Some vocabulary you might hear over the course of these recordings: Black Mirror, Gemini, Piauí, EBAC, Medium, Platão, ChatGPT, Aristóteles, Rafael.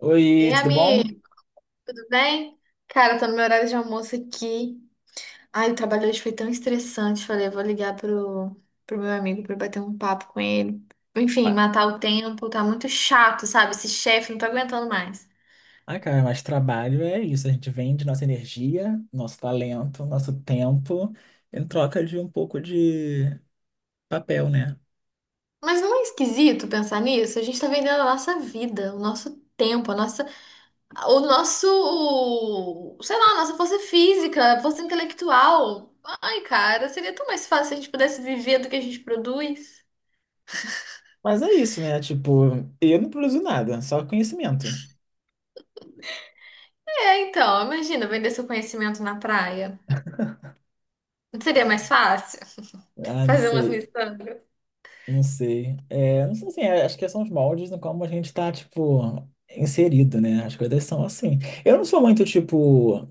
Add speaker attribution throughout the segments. Speaker 1: Oi,
Speaker 2: Ei,
Speaker 1: tudo bom?
Speaker 2: amigo, tudo bem? Cara, tô no meu horário de almoço aqui. Ai, o trabalho hoje foi tão estressante. Falei, vou ligar pro meu amigo pra bater um papo com ele. Enfim,
Speaker 1: Ah,
Speaker 2: matar o tempo, tá muito chato, sabe? Esse chefe, não tô aguentando mais.
Speaker 1: cara, mas trabalho é isso. A gente vende nossa energia, nosso talento, nosso tempo em troca de um pouco de papel, né?
Speaker 2: Mas não é esquisito pensar nisso? A gente tá vendendo a nossa vida, o nosso tempo, a nossa, o nosso, sei lá, a nossa força física, a força intelectual. Ai, cara, seria tão mais fácil se a gente pudesse viver do que a gente produz.
Speaker 1: Mas é isso, né? Tipo, eu não produzo nada, só conhecimento.
Speaker 2: É, então, imagina vender seu conhecimento na praia. Não seria mais fácil
Speaker 1: Ah, não
Speaker 2: fazer umas
Speaker 1: sei,
Speaker 2: missões?
Speaker 1: não sei. Não sei assim, acho que são os moldes no como a gente tá, tipo, inserido, né? As coisas são assim. Eu não sou muito, tipo,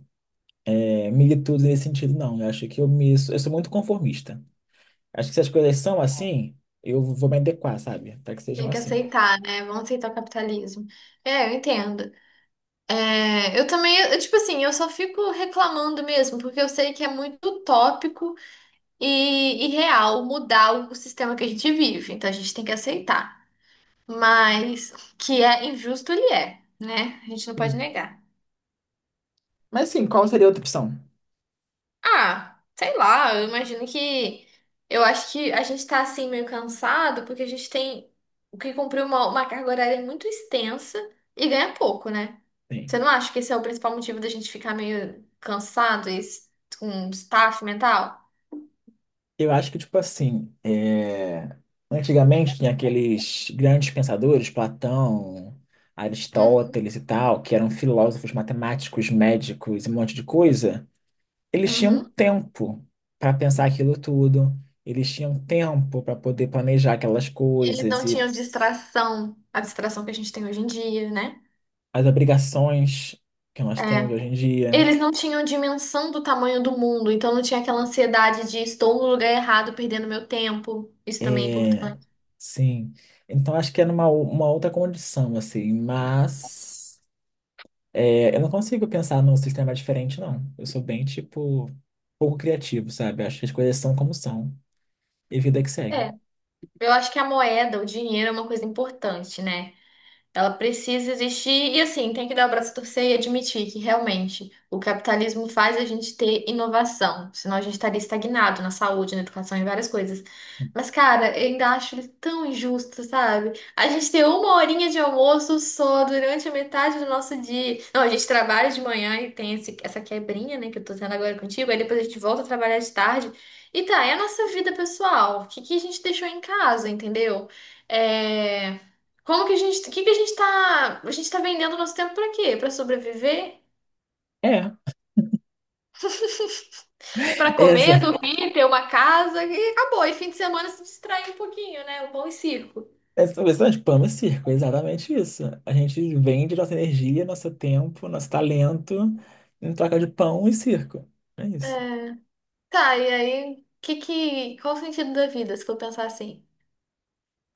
Speaker 1: militudo nesse sentido, não. Eu acho que eu sou muito conformista. Acho que se as coisas são assim, eu vou me adequar, sabe? Para que sejam
Speaker 2: Tem que
Speaker 1: assim.
Speaker 2: aceitar, né? Vão aceitar o capitalismo. É, eu entendo. É, eu também, eu, tipo assim, eu só fico reclamando mesmo, porque eu sei que é muito utópico e irreal mudar o sistema que a gente vive. Então a gente tem que aceitar. Mas que é injusto, ele é, né? A gente não pode
Speaker 1: Sim.
Speaker 2: negar.
Speaker 1: Mas sim, qual seria a outra opção?
Speaker 2: Ah, sei lá, eu imagino que. Eu acho que a gente tá assim meio cansado porque a gente tem o que cumprir uma carga horária muito extensa e ganha pouco, né? Você
Speaker 1: Sim.
Speaker 2: não acha que esse é o principal motivo da gente ficar meio cansado e com staff mental?
Speaker 1: Eu acho que, tipo assim, antigamente tinha aqueles grandes pensadores, Platão,
Speaker 2: Uhum,
Speaker 1: Aristóteles e tal, que eram filósofos, matemáticos, médicos e um monte de coisa. Eles tinham um
Speaker 2: uhum.
Speaker 1: tempo para pensar aquilo tudo, eles tinham um tempo para poder planejar aquelas
Speaker 2: Eles não
Speaker 1: coisas e
Speaker 2: tinham distração, a distração que a gente tem hoje em dia, né?
Speaker 1: as obrigações que nós temos
Speaker 2: É.
Speaker 1: hoje em dia.
Speaker 2: Eles não tinham dimensão do tamanho do mundo, então não tinha aquela ansiedade de estou no lugar errado, perdendo meu tempo. Isso também é
Speaker 1: É,
Speaker 2: importante.
Speaker 1: sim. Então acho que era uma outra condição, assim, mas eu não consigo pensar num sistema diferente, não. Eu sou bem, tipo, pouco criativo, sabe? Acho que as coisas são como são. E vida que segue.
Speaker 2: Eu acho que a moeda, o dinheiro é uma coisa importante, né? Ela precisa existir e, assim, tem que dar o braço a torcer e admitir que realmente o capitalismo faz a gente ter inovação, senão a gente estaria estagnado na saúde, na educação e várias coisas. Mas, cara, eu ainda acho ele tão injusto, sabe? A gente ter uma horinha de almoço só durante a metade do nosso dia. Não, a gente trabalha de manhã e tem essa quebrinha, né, que eu tô tendo agora contigo, aí depois a gente volta a trabalhar de tarde. E tá, é a nossa vida pessoal. O que que a gente deixou em casa, entendeu? É. Como que a gente, o que que a gente tá vendendo nosso tempo pra quê? Pra sobreviver?
Speaker 1: É,
Speaker 2: Pra comer,
Speaker 1: essa.
Speaker 2: dormir, ter uma casa e acabou. E fim de semana se distrair um pouquinho, né? O pão e circo.
Speaker 1: É interessante, pão e circo, é exatamente isso. A gente vende nossa energia, nosso tempo, nosso talento em troca de pão e circo. É isso.
Speaker 2: É. Tá, e aí, que, qual o sentido da vida, se for pensar assim?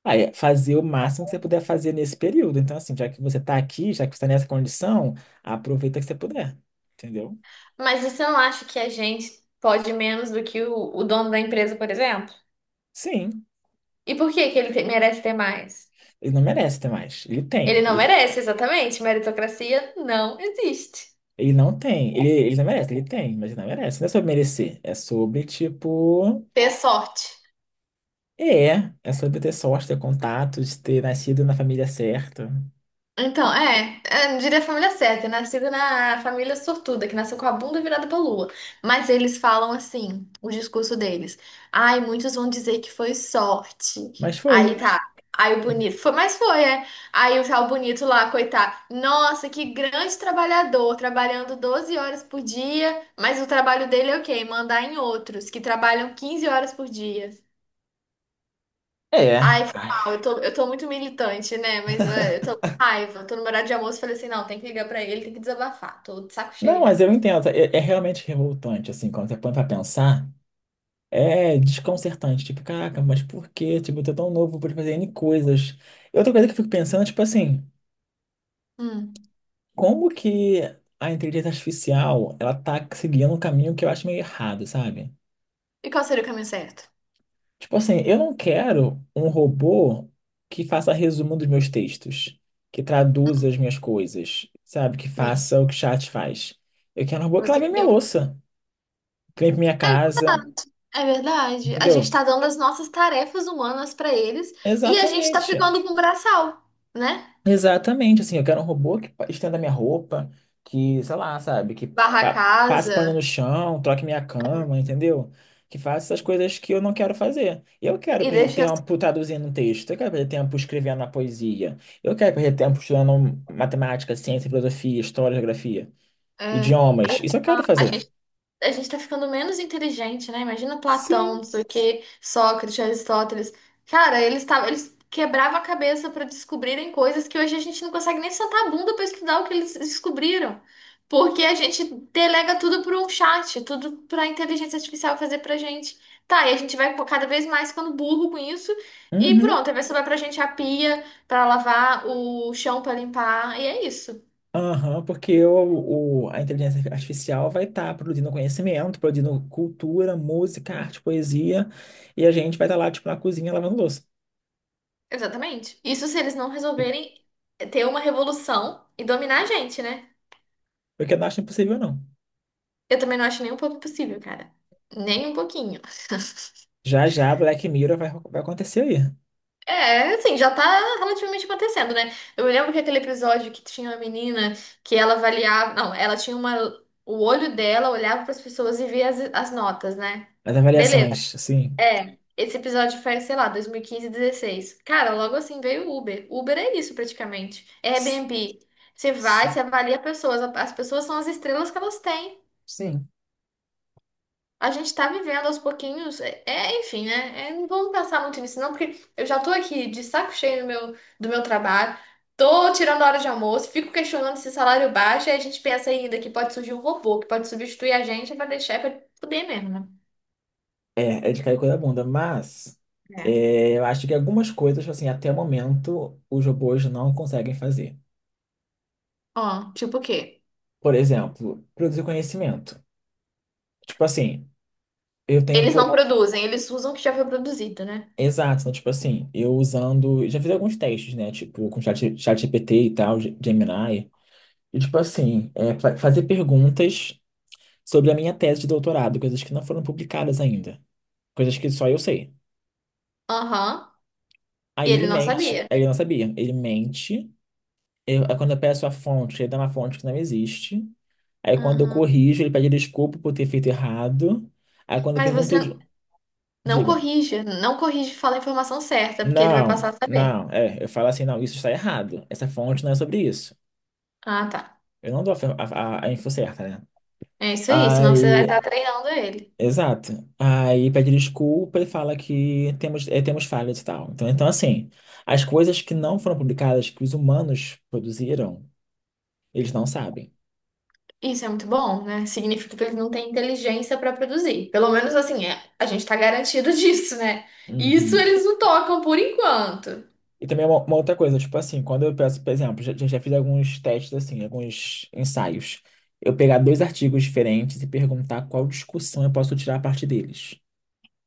Speaker 1: Aí, é fazer o máximo que você puder fazer nesse período. Então, assim, já que você está aqui, já que você está nessa condição, aproveita que você puder. Entendeu?
Speaker 2: Mas você não acha que a gente pode menos do que o dono da empresa, por exemplo?
Speaker 1: Sim,
Speaker 2: E por que que ele merece ter mais?
Speaker 1: ele não merece ter mais. Ele tem.
Speaker 2: Ele não merece, exatamente. Meritocracia não existe.
Speaker 1: Ele não tem. Ele não merece, ele tem, mas ele não merece. Não é sobre merecer. É sobre, tipo.
Speaker 2: Ter sorte.
Speaker 1: É, é sobre ter sorte, ter contatos, ter nascido na família certa.
Speaker 2: Então, é, é, eu diria a família certa, nascida na família sortuda, que nasceu com a bunda virada pra lua. Mas eles falam assim, o discurso deles. Ai, muitos vão dizer que foi sorte.
Speaker 1: Mas foi.
Speaker 2: Aí tá, aí o bonito, foi, mas foi, é. Aí o tal bonito lá, coitado. Nossa, que grande trabalhador, trabalhando 12 horas por dia, mas o trabalho dele é o quê? Mandar em outros, que trabalham 15 horas por dia.
Speaker 1: É.
Speaker 2: Ai, foi
Speaker 1: Ai.
Speaker 2: mal, eu tô muito militante, né? Mas é, eu tô com raiva, tô no horário de almoço, falei assim, não, tem que ligar pra ele, tem que desabafar, tô de saco
Speaker 1: Não,
Speaker 2: cheio já.
Speaker 1: mas eu entendo. É, é realmente revoltante, assim, quando você põe pra pensar. É desconcertante. Tipo, caraca, mas por quê? Tipo, eu tô tão novo pra fazer N coisas. E outra coisa que eu fico pensando, tipo assim,
Speaker 2: Hum.
Speaker 1: como que a inteligência artificial, ela tá seguindo um caminho que eu acho meio errado, sabe?
Speaker 2: E qual seria o caminho certo?
Speaker 1: Tipo assim, eu não quero um robô que faça resumo dos meus textos, que traduza
Speaker 2: Hum,
Speaker 1: as minhas coisas, sabe? Que
Speaker 2: sim,
Speaker 1: faça o que chat faz. Eu quero um robô que
Speaker 2: você
Speaker 1: lave a
Speaker 2: que
Speaker 1: minha
Speaker 2: eu.
Speaker 1: louça, que limpe minha
Speaker 2: É
Speaker 1: casa,
Speaker 2: verdade, é verdade. A gente
Speaker 1: entendeu?
Speaker 2: tá dando as nossas tarefas humanas pra eles e a gente tá
Speaker 1: Exatamente.
Speaker 2: ficando com o braçal, né?
Speaker 1: Exatamente. Assim, eu quero um robô que estenda minha roupa, que, sei lá, sabe, que
Speaker 2: Barra a
Speaker 1: passe pano no
Speaker 2: casa
Speaker 1: chão, troque minha cama, entendeu? Que faça essas coisas que eu não quero fazer. Eu quero
Speaker 2: e
Speaker 1: perder
Speaker 2: deixa... as-
Speaker 1: tempo traduzindo um texto, eu quero perder tempo escrevendo uma poesia, eu quero perder tempo estudando matemática, ciência, filosofia, história, geografia,
Speaker 2: É.
Speaker 1: idiomas. Isso eu quero
Speaker 2: Ah,
Speaker 1: fazer.
Speaker 2: a gente tá ficando menos inteligente, né? Imagina Platão,
Speaker 1: Sim.
Speaker 2: não sei o quê, Sócrates, Aristóteles. Cara, eles tavam, eles quebravam a cabeça para descobrirem coisas que hoje a gente não consegue nem sentar a bunda para estudar o que eles descobriram. Porque a gente delega tudo para um chat, tudo para a inteligência artificial fazer pra gente. Tá, e a gente vai cada vez mais ficando burro com isso. E
Speaker 1: Uhum.
Speaker 2: pronto, aí vai sobrar pra gente a pia para lavar, o chão para limpar, e é isso.
Speaker 1: Aham, porque a inteligência artificial vai estar produzindo conhecimento, produzindo cultura, música, arte, poesia, e a gente vai estar lá, tipo, na cozinha lavando louça.
Speaker 2: Exatamente. Isso se eles não resolverem ter uma revolução e dominar a gente, né?
Speaker 1: Porque que eu não acho impossível, não.
Speaker 2: Eu também não acho nem um pouco possível, cara. Nem um pouquinho.
Speaker 1: Já já Black Mirror vai acontecer aí.
Speaker 2: É, assim, já tá relativamente acontecendo, né? Eu me lembro que aquele episódio que tinha uma menina que ela avaliava. Não, ela tinha uma. O olho dela olhava para as pessoas e via as notas, né?
Speaker 1: As
Speaker 2: Beleza.
Speaker 1: avaliações, assim.
Speaker 2: É, esse episódio foi, sei lá, 2015, 2016. Cara, logo assim veio o Uber. Uber é isso praticamente. É
Speaker 1: s-
Speaker 2: Airbnb. Você
Speaker 1: s-
Speaker 2: vai, você avalia pessoas. As pessoas são as estrelas que elas têm.
Speaker 1: Sim,
Speaker 2: A gente tá vivendo aos pouquinhos. É, é, enfim, né? É, não vamos pensar muito nisso, não, porque eu já tô aqui de saco cheio do meu trabalho. Tô tirando hora de almoço, fico questionando se salário baixo, e a gente pensa ainda que pode surgir um robô que pode substituir a gente pra deixar pra poder mesmo, né?
Speaker 1: é de cair coisa da bunda, mas
Speaker 2: É.
Speaker 1: eu acho que algumas coisas, tipo assim, até o momento, os robôs não conseguem fazer.
Speaker 2: Ó, tipo o quê?
Speaker 1: Por exemplo, produzir conhecimento. Tipo assim, eu tenho
Speaker 2: Eles
Speaker 1: por
Speaker 2: não produzem, eles usam o que já foi produzido, né?
Speaker 1: exato, então, tipo assim, eu usando. Já fiz alguns testes, né? Tipo, com chat GPT e tal, Gemini. E, tipo assim, é, fazer perguntas sobre a minha tese de doutorado, coisas que não foram publicadas ainda. Coisas que só eu sei.
Speaker 2: Aham. E
Speaker 1: Aí ele
Speaker 2: ele não
Speaker 1: mente,
Speaker 2: sabia.
Speaker 1: aí ele não sabia. Ele mente. Aí quando eu peço a fonte, ele dá uma fonte que não existe. Aí quando eu
Speaker 2: Aham.
Speaker 1: corrijo, ele pede desculpa por ter feito errado. Aí quando eu
Speaker 2: Mas você
Speaker 1: pergunto,
Speaker 2: não
Speaker 1: diga,
Speaker 2: corrija, não corrige e fala a informação certa, porque ele vai
Speaker 1: não,
Speaker 2: passar a saber.
Speaker 1: não, eu falo assim, não, isso está errado. Essa fonte não é sobre isso.
Speaker 2: Ah, tá.
Speaker 1: Eu não dou a info certa, né?
Speaker 2: É isso aí, senão você vai
Speaker 1: Aí,
Speaker 2: estar treinando ele.
Speaker 1: exato. Aí pede desculpa e fala que temos, temos falhas e tal. Então, então, assim, as coisas que não foram publicadas, que os humanos produziram, eles não sabem.
Speaker 2: Isso é muito bom, né? Significa que ele não tem inteligência para produzir. Pelo menos assim, é, a gente tá garantido disso, né? Isso
Speaker 1: Uhum.
Speaker 2: eles não tocam por enquanto.
Speaker 1: E também uma outra coisa, tipo assim, quando eu peço, por exemplo, já fiz alguns testes, assim, alguns ensaios. Eu pegar dois artigos diferentes e perguntar qual discussão eu posso tirar a partir deles.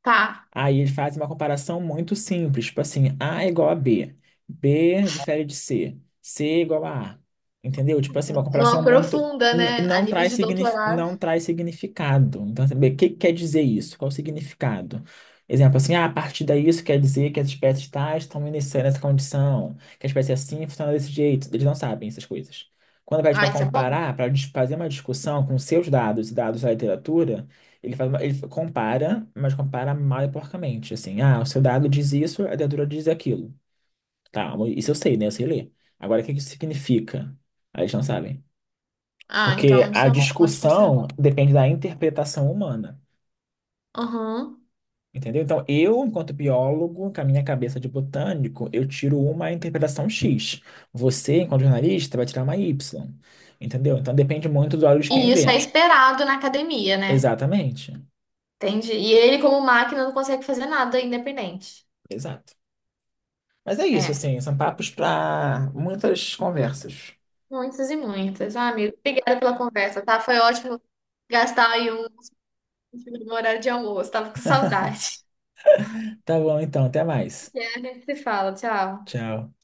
Speaker 2: Tá.
Speaker 1: Aí eles fazem uma comparação muito simples, tipo assim, A é igual a B, B difere de C, C é igual a A, entendeu? Tipo assim, uma
Speaker 2: Não
Speaker 1: comparação muito
Speaker 2: aprofunda, né? A
Speaker 1: não
Speaker 2: nível
Speaker 1: traz
Speaker 2: de
Speaker 1: signif
Speaker 2: doutorado.
Speaker 1: não traz significado. Então, saber o que que quer dizer isso? Qual o significado? Exemplo assim, ah, a partir daí isso quer dizer que as espécies tais estão iniciando essa condição, que a espécie assim funciona desse jeito. Eles não sabem essas coisas. Quando vai
Speaker 2: Ah,
Speaker 1: para
Speaker 2: isso é bom.
Speaker 1: comparar, para fazer uma discussão com seus dados e dados da literatura ele ele compara, mas compara mal e porcamente. Assim, ah, o seu dado diz isso, a dentadura diz aquilo. Tá, isso eu sei, né? Eu sei ler. Agora, o que que isso significa? Aí eles não sabem.
Speaker 2: Ah, então
Speaker 1: Porque
Speaker 2: isso
Speaker 1: a
Speaker 2: é um ótimo
Speaker 1: discussão
Speaker 2: sinal.
Speaker 1: depende da interpretação humana.
Speaker 2: Aham.
Speaker 1: Entendeu? Então, eu, enquanto biólogo, com a minha cabeça de botânico, eu tiro uma interpretação X. Você, enquanto jornalista, vai tirar uma Y. Entendeu? Então, depende muito dos olhos de quem
Speaker 2: E isso é
Speaker 1: vê.
Speaker 2: esperado na academia, né?
Speaker 1: Exatamente.
Speaker 2: Entende? E ele, como máquina, não consegue fazer nada independente.
Speaker 1: Exato. Mas é isso,
Speaker 2: É.
Speaker 1: assim, são papos para muitas conversas.
Speaker 2: Muitas e muitas. Ah, amigo, obrigada pela conversa, tá? Foi ótimo gastar aí um no horário de almoço. Tava com saudade.
Speaker 1: Tá bom, então, até mais.
Speaker 2: E a gente se fala. Tchau.
Speaker 1: Tchau.